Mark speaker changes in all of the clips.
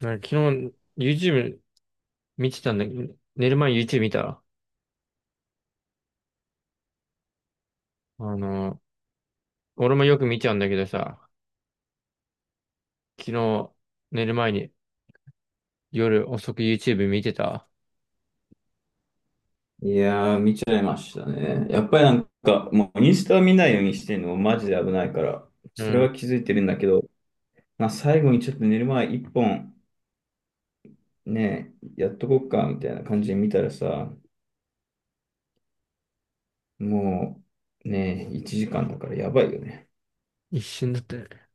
Speaker 1: なんか昨日 YouTube 見てたんだけど、寝る前に YouTube 見た。あの、俺もよく見ちゃうんだけどさ、昨日寝る前に夜遅く YouTube 見てた。
Speaker 2: いやー、見ちゃいましたね。やっぱりなんか、もうインスタを見ないようにしてるのもマジで危ないから、
Speaker 1: う
Speaker 2: それ
Speaker 1: ん。
Speaker 2: は気づいてるんだけど、まあ、最後にちょっと寝る前一本、ね、やっとこっか、みたいな感じで見たらさ、もう、ね、1時間だからやばいよね。
Speaker 1: 一瞬だったよね。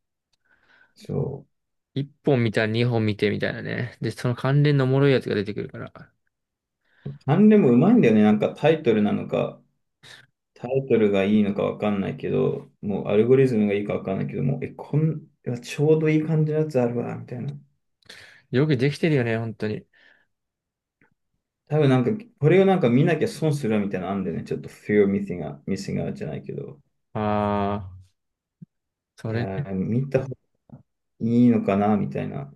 Speaker 2: そう。
Speaker 1: 一本見たら二本見てみたいなね。で、その関連のおもろいやつが出てくるから。
Speaker 2: 何でもうまいんだよね。なんかタイトルなのか、タイトルがいいのかわかんないけど、もうアルゴリズムがいいかわかんないけど、もう、え、こん、いやちょうどいい感じのやつあるわ、みたいな。
Speaker 1: よくできてるよね、本当に。
Speaker 2: 多分なんか、これをなんか見なきゃ損するみたいなのあんでね、ちょっと fear of missing out, missing out じゃないけど、
Speaker 1: ああ、
Speaker 2: い
Speaker 1: そ
Speaker 2: や
Speaker 1: れね。
Speaker 2: ー、見た方がいいのかなみたいな。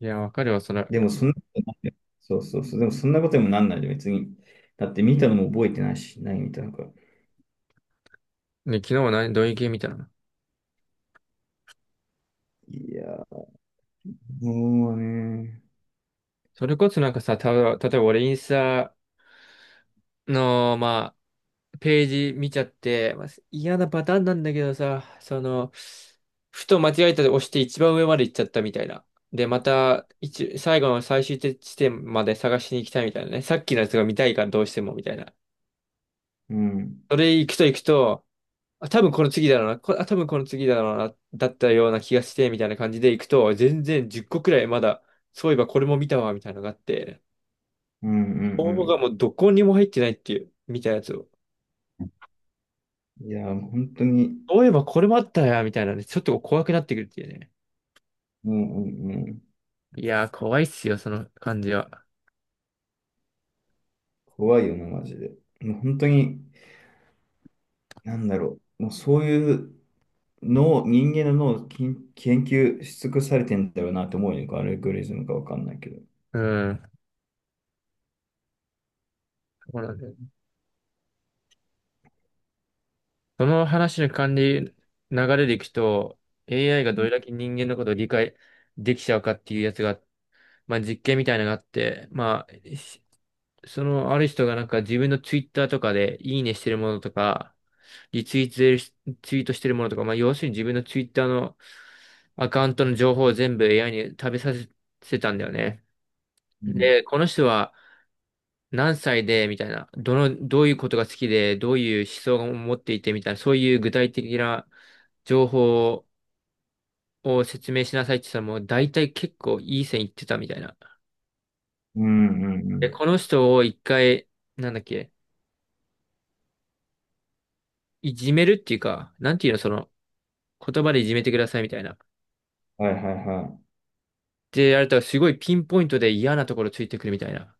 Speaker 1: いや、わかるわ、それ。
Speaker 2: でもそんなことないよ、そうそうそう、でもそんなことにもなんないで、別に。だって見たのも覚えてないし、ないみたいなのか。
Speaker 1: ね、昨日は何、どういう系見たの？
Speaker 2: いやー、もうね、
Speaker 1: それこそなんかさ、例えば俺インスタの、まあ、ページ見ちゃって、まあ、嫌なパターンなんだけどさ、その、ふと間違えたで押して一番上まで行っちゃったみたいな。で、また、最後の最終地点まで探しに行きたいみたいなね。さっきのやつが見たいからどうしてもみたいな。
Speaker 2: うん、
Speaker 1: それ行くと行くと、あ、多分この次だろうな、あ、多分この次だろうな、だったような気がして、みたいな感じで行くと、全然10個くらいまだ、そういえばこれも見たわ、みたいなのがあって、
Speaker 2: うんう
Speaker 1: 応募が
Speaker 2: ん
Speaker 1: もうどこにも入ってないっていう、みたいなやつを。
Speaker 2: うん。いやー、本当に、
Speaker 1: そういえばこれもあったや、みたいなね、ちょっと怖くなってくるっていうね。
Speaker 2: うんうんうん。
Speaker 1: いやー、怖いっすよ、その感じは。
Speaker 2: 怖いよな、マジで。もう本当に、なんだろう。もうそういう、脳、人間の脳を研究し尽くされてんだろうなって思うよね。アルゴリズムかわかんないけど。
Speaker 1: うん。そうなんだよ。その話の管理流れでいくと、AI が
Speaker 2: う
Speaker 1: どれ
Speaker 2: ん
Speaker 1: だけ人間のことを理解できちゃうかっていうやつが、まあ実験みたいなのがあって、そのある人がなんか自分のツイッターとかでいいねしてるものとか、リツイートしてるツイートしてるものとか、まあ要するに自分のツイッターのアカウントの情報を全部 AI に食べさせてたんだよね。
Speaker 2: うん
Speaker 1: で、この人は、何歳で、みたいな、どういうことが好きで、どういう思想を持っていて、みたいな、そういう具体的な情報を説明しなさいって言ったら、もう大体結構いい線いってたみたいな。
Speaker 2: うんうんう
Speaker 1: で、
Speaker 2: ん。
Speaker 1: この人を一回、なんだっけ、いじめるっていうか、なんていうの、その、言葉でいじめてくださいみたいな。
Speaker 2: はいはいは
Speaker 1: で、やるれたらすごいピンポイントで嫌なところついてくるみたいな。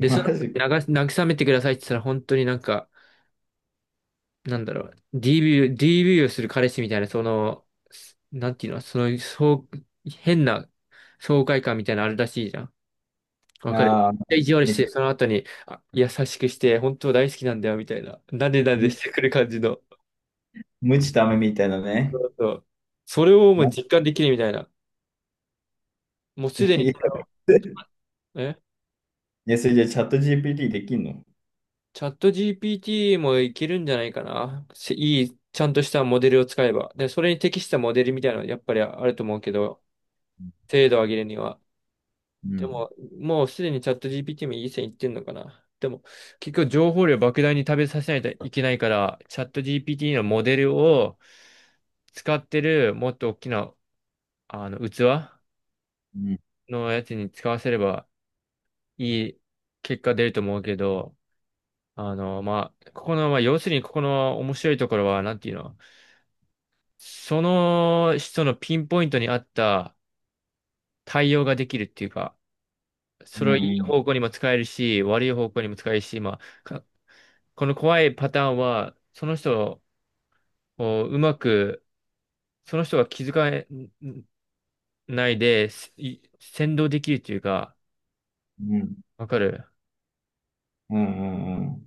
Speaker 2: い。マジか。
Speaker 1: 慰めてくださいって言ったら、本当になんか、なんだろう、DV をする彼氏みたいな、なんていうの、そう、変な爽快感みたいなのあるらしいじゃん。わかる。
Speaker 2: ああ、
Speaker 1: 意地悪し
Speaker 2: ね
Speaker 1: て、その後に、あ、優しくして、本当大好きなんだよ、みたいな。なでなで
Speaker 2: む
Speaker 1: してくる感じの。
Speaker 2: 無知ダめみたいな
Speaker 1: そ
Speaker 2: ね。
Speaker 1: うそう。それを
Speaker 2: い
Speaker 1: もう
Speaker 2: や、
Speaker 1: 実感できるみたいな。もうすでに
Speaker 2: い
Speaker 1: その、え、
Speaker 2: やそれじゃあチャット GPT できんの？
Speaker 1: チャット GPT もいけるんじゃないかな。せいい、ちゃんとしたモデルを使えば。で、それに適したモデルみたいなのやっぱりあると思うけど、
Speaker 2: う
Speaker 1: 精度を上げるには。で
Speaker 2: ん、
Speaker 1: も、もうすでにチャット GPT もいい線いってんのかな。でも、結局情報量莫大に食べさせないといけないから、チャット GPT のモデルを使ってるもっと大きな器
Speaker 2: うん、
Speaker 1: のやつに使わせればいい結果出ると思うけど、あの、まあ、ここの、まあ、要するにここの面白いところは、なんていうの、その人のピンポイントに合った対応ができるっていうか、そ
Speaker 2: う
Speaker 1: れを
Speaker 2: ん
Speaker 1: いい
Speaker 2: うん
Speaker 1: 方向にも使えるし、悪い方向にも使えるし、あ、かこの怖いパターンは、その人をうまく、その人が気づかないで、先導できるというか、
Speaker 2: うん
Speaker 1: わかる？
Speaker 2: うんうんうん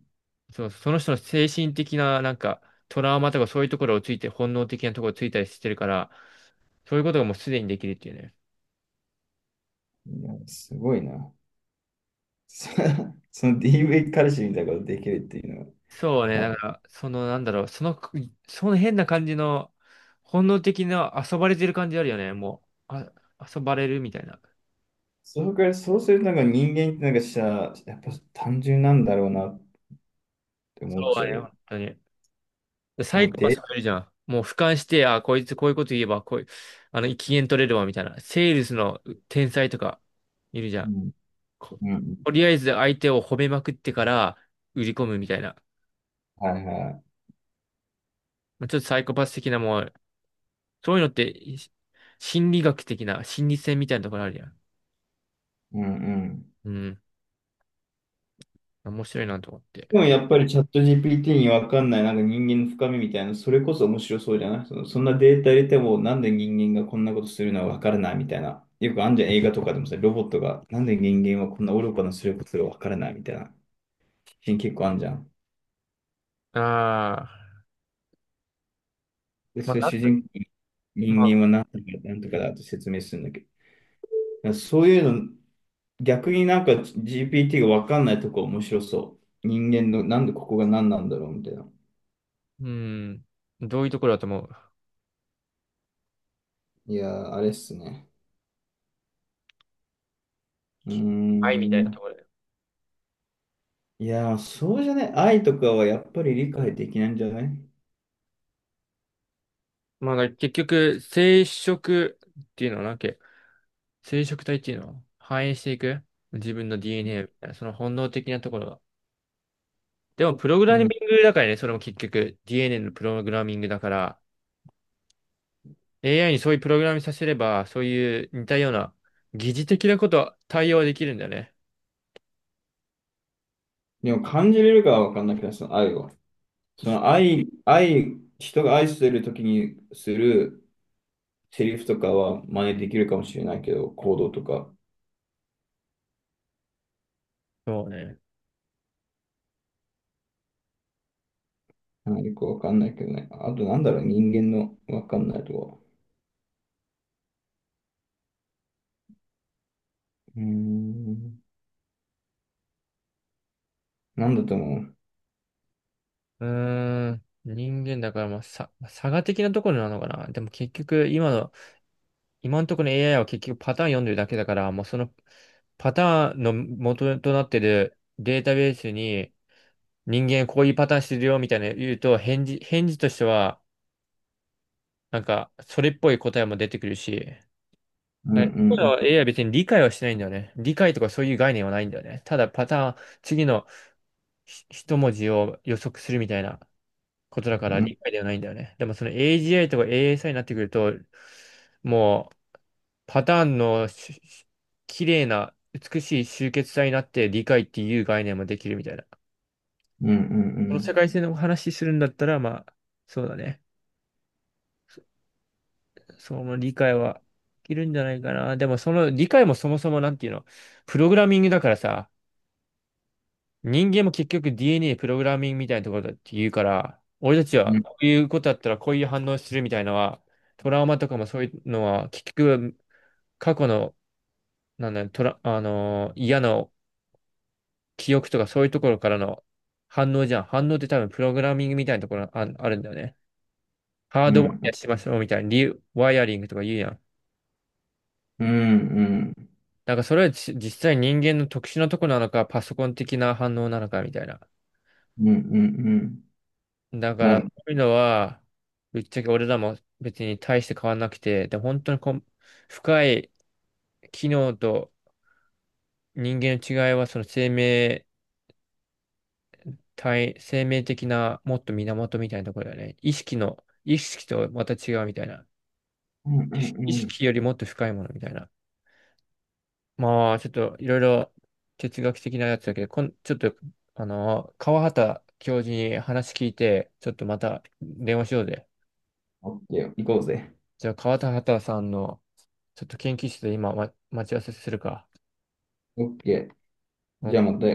Speaker 1: そう、その人の精神的な、なんか、トラウマとかそういうところをついて、本能的なところをついたりしてるから、そういうことがもうすでにできるっていうね。
Speaker 2: いや、すごいな。そその DV 彼氏みたいなことできるっていう
Speaker 1: そうね、
Speaker 2: のは、
Speaker 1: だから、その、なんだろう、その、その変な感じの、本能的な遊ばれてる感じあるよね、もう。あ、遊ばれるみたいな。
Speaker 2: そのくらい、そうするとなんか人間ってなんかさ、やっぱ単純なんだろうなって
Speaker 1: そ
Speaker 2: 思っ
Speaker 1: う
Speaker 2: ち
Speaker 1: だ
Speaker 2: ゃう
Speaker 1: ね、
Speaker 2: よ。
Speaker 1: 本当に。でサイ
Speaker 2: もう
Speaker 1: コパス
Speaker 2: で、
Speaker 1: もいるじゃん。もう俯瞰して、あ、こいつこういうこと言えば、こういう、あの、機嫌取れるわ、みたいな。セールスの天才とかいるじゃ
Speaker 2: う
Speaker 1: ん。
Speaker 2: ん、
Speaker 1: こ、
Speaker 2: うん、
Speaker 1: とりあえず相手を褒めまくってから売り込むみたいな。
Speaker 2: はいはい。
Speaker 1: まあちょっとサイコパス的なもう、そういうのってい心理学的な、心理戦みたいなところあるじゃん。
Speaker 2: うんうん。
Speaker 1: うん。面白いなと思って。
Speaker 2: でもやっぱりチャット GPT にわかんないなんか人間の深みみたいな、それこそ面白そうじゃない？その、そんなデータ入れてもなんで人間がこんなことするのはわからないみたいな。よくあんじゃん映画とかでもさ、ロボットがなんで人間はこんな愚かなすることがわからないみたいな。シーン結構あんじゃん。
Speaker 1: ああ、
Speaker 2: で、
Speaker 1: まあ、
Speaker 2: それ
Speaker 1: なん
Speaker 2: 主
Speaker 1: と
Speaker 2: 人公に
Speaker 1: ま
Speaker 2: 人間
Speaker 1: あ、
Speaker 2: はなんとかなんとかだと説明するんだけど、そういうの、逆になんか GPT がわかんないとこ面白そう。人間の、なんでここが何なんだろうみたいな。
Speaker 1: うん。どういうところだと思う？
Speaker 2: いやー、あれっすね。うー
Speaker 1: 愛みたいなと
Speaker 2: ん。
Speaker 1: ころだよ。
Speaker 2: いやー、そうじゃない？愛とかはやっぱり理解できないんじゃない？
Speaker 1: まあ、だから結局、ていうのはな、生殖体っていうのは反映していく自分の DNA みたいな、その本能的なところが。でも、プログ
Speaker 2: う
Speaker 1: ラミン
Speaker 2: ん。
Speaker 1: グだからね、それも結局 DNA のプログラミングだから、AI にそういうプログラミングさせれば、そういう似たような疑似的なことは対応できるんだよね。
Speaker 2: でも感じれるかはわかんないけど、その愛を。その愛、人が愛してる時にするセリフとかは真似できるかもしれないけど、行動とか、
Speaker 1: そうね。
Speaker 2: なんかよくわかんないけどね。あとなんだろう、人間のわかんないとこ。うーん。なんだと思う？
Speaker 1: うーん。人間だから、差が的なところなのかな。でも結局、今のところの AI は結局パターン読んでるだけだから、もうそのパターンの元となってるデータベースに、人間こういうパターンしてるよみたいなの言うと、返事としては、なんか、それっぽい答えも出てくるし、
Speaker 2: うん
Speaker 1: だから
Speaker 2: うん
Speaker 1: AI は別に理解はしてないんだよね。理解とかそういう概念はないんだよね。ただパターン、次の一文字を予測するみたいなことだか
Speaker 2: う
Speaker 1: ら
Speaker 2: んう
Speaker 1: 理
Speaker 2: ん
Speaker 1: 解ではないんだよね。でもその AGI とか ASI になってくると、もうパターンの綺麗な美しい集結体になって理解っていう概念もできるみたいな。
Speaker 2: う
Speaker 1: その
Speaker 2: ん
Speaker 1: 世界線の話するんだったら、まあ、そうだね。その理解はできるんじゃないかな。でもその理解もそもそもなんていうの、プログラミングだからさ、人間も結局 DNA プログラミングみたいなところだって言うから、俺たち
Speaker 2: う
Speaker 1: は
Speaker 2: んうんうん
Speaker 1: こういうことだったらこういう反応するみたいなのは、トラウマとかもそういうのは、結局過去の、なんだ、トラ、あのー嫌な記憶とかそういうところからの反応じゃん。反応って多分プログラミングみたいなところあるんだよね。ハー
Speaker 2: う
Speaker 1: ドワイヤ
Speaker 2: ん
Speaker 1: ーしましょうみたいな、リワイヤリングとか言うやん。
Speaker 2: うんうん
Speaker 1: なんかそれは実際人間の特殊なとこなのか、パソコン的な反応なのかみたいな。
Speaker 2: うんうんうん
Speaker 1: だか
Speaker 2: な
Speaker 1: ら、
Speaker 2: ん
Speaker 1: そういうのは、ぶっちゃけ俺らも別に大して変わんなくて、で、本当に深い機能と人間の違いは、生命的なもっと源みたいなところだよね。意識とまた違うみたいな。
Speaker 2: うんう
Speaker 1: 意
Speaker 2: んうん
Speaker 1: 識よりもっと深いものみたいな。まあ、ちょっといろいろ哲学的なやつだけど、こん、ちょっと、あの、川畑教授に話聞いて、ちょっとまた電話しようぜ。
Speaker 2: オッケー行こうぜ
Speaker 1: じゃあ、川畑さんの、ちょっと研究室で今、待ち合わせするか。
Speaker 2: オッケーじゃあまた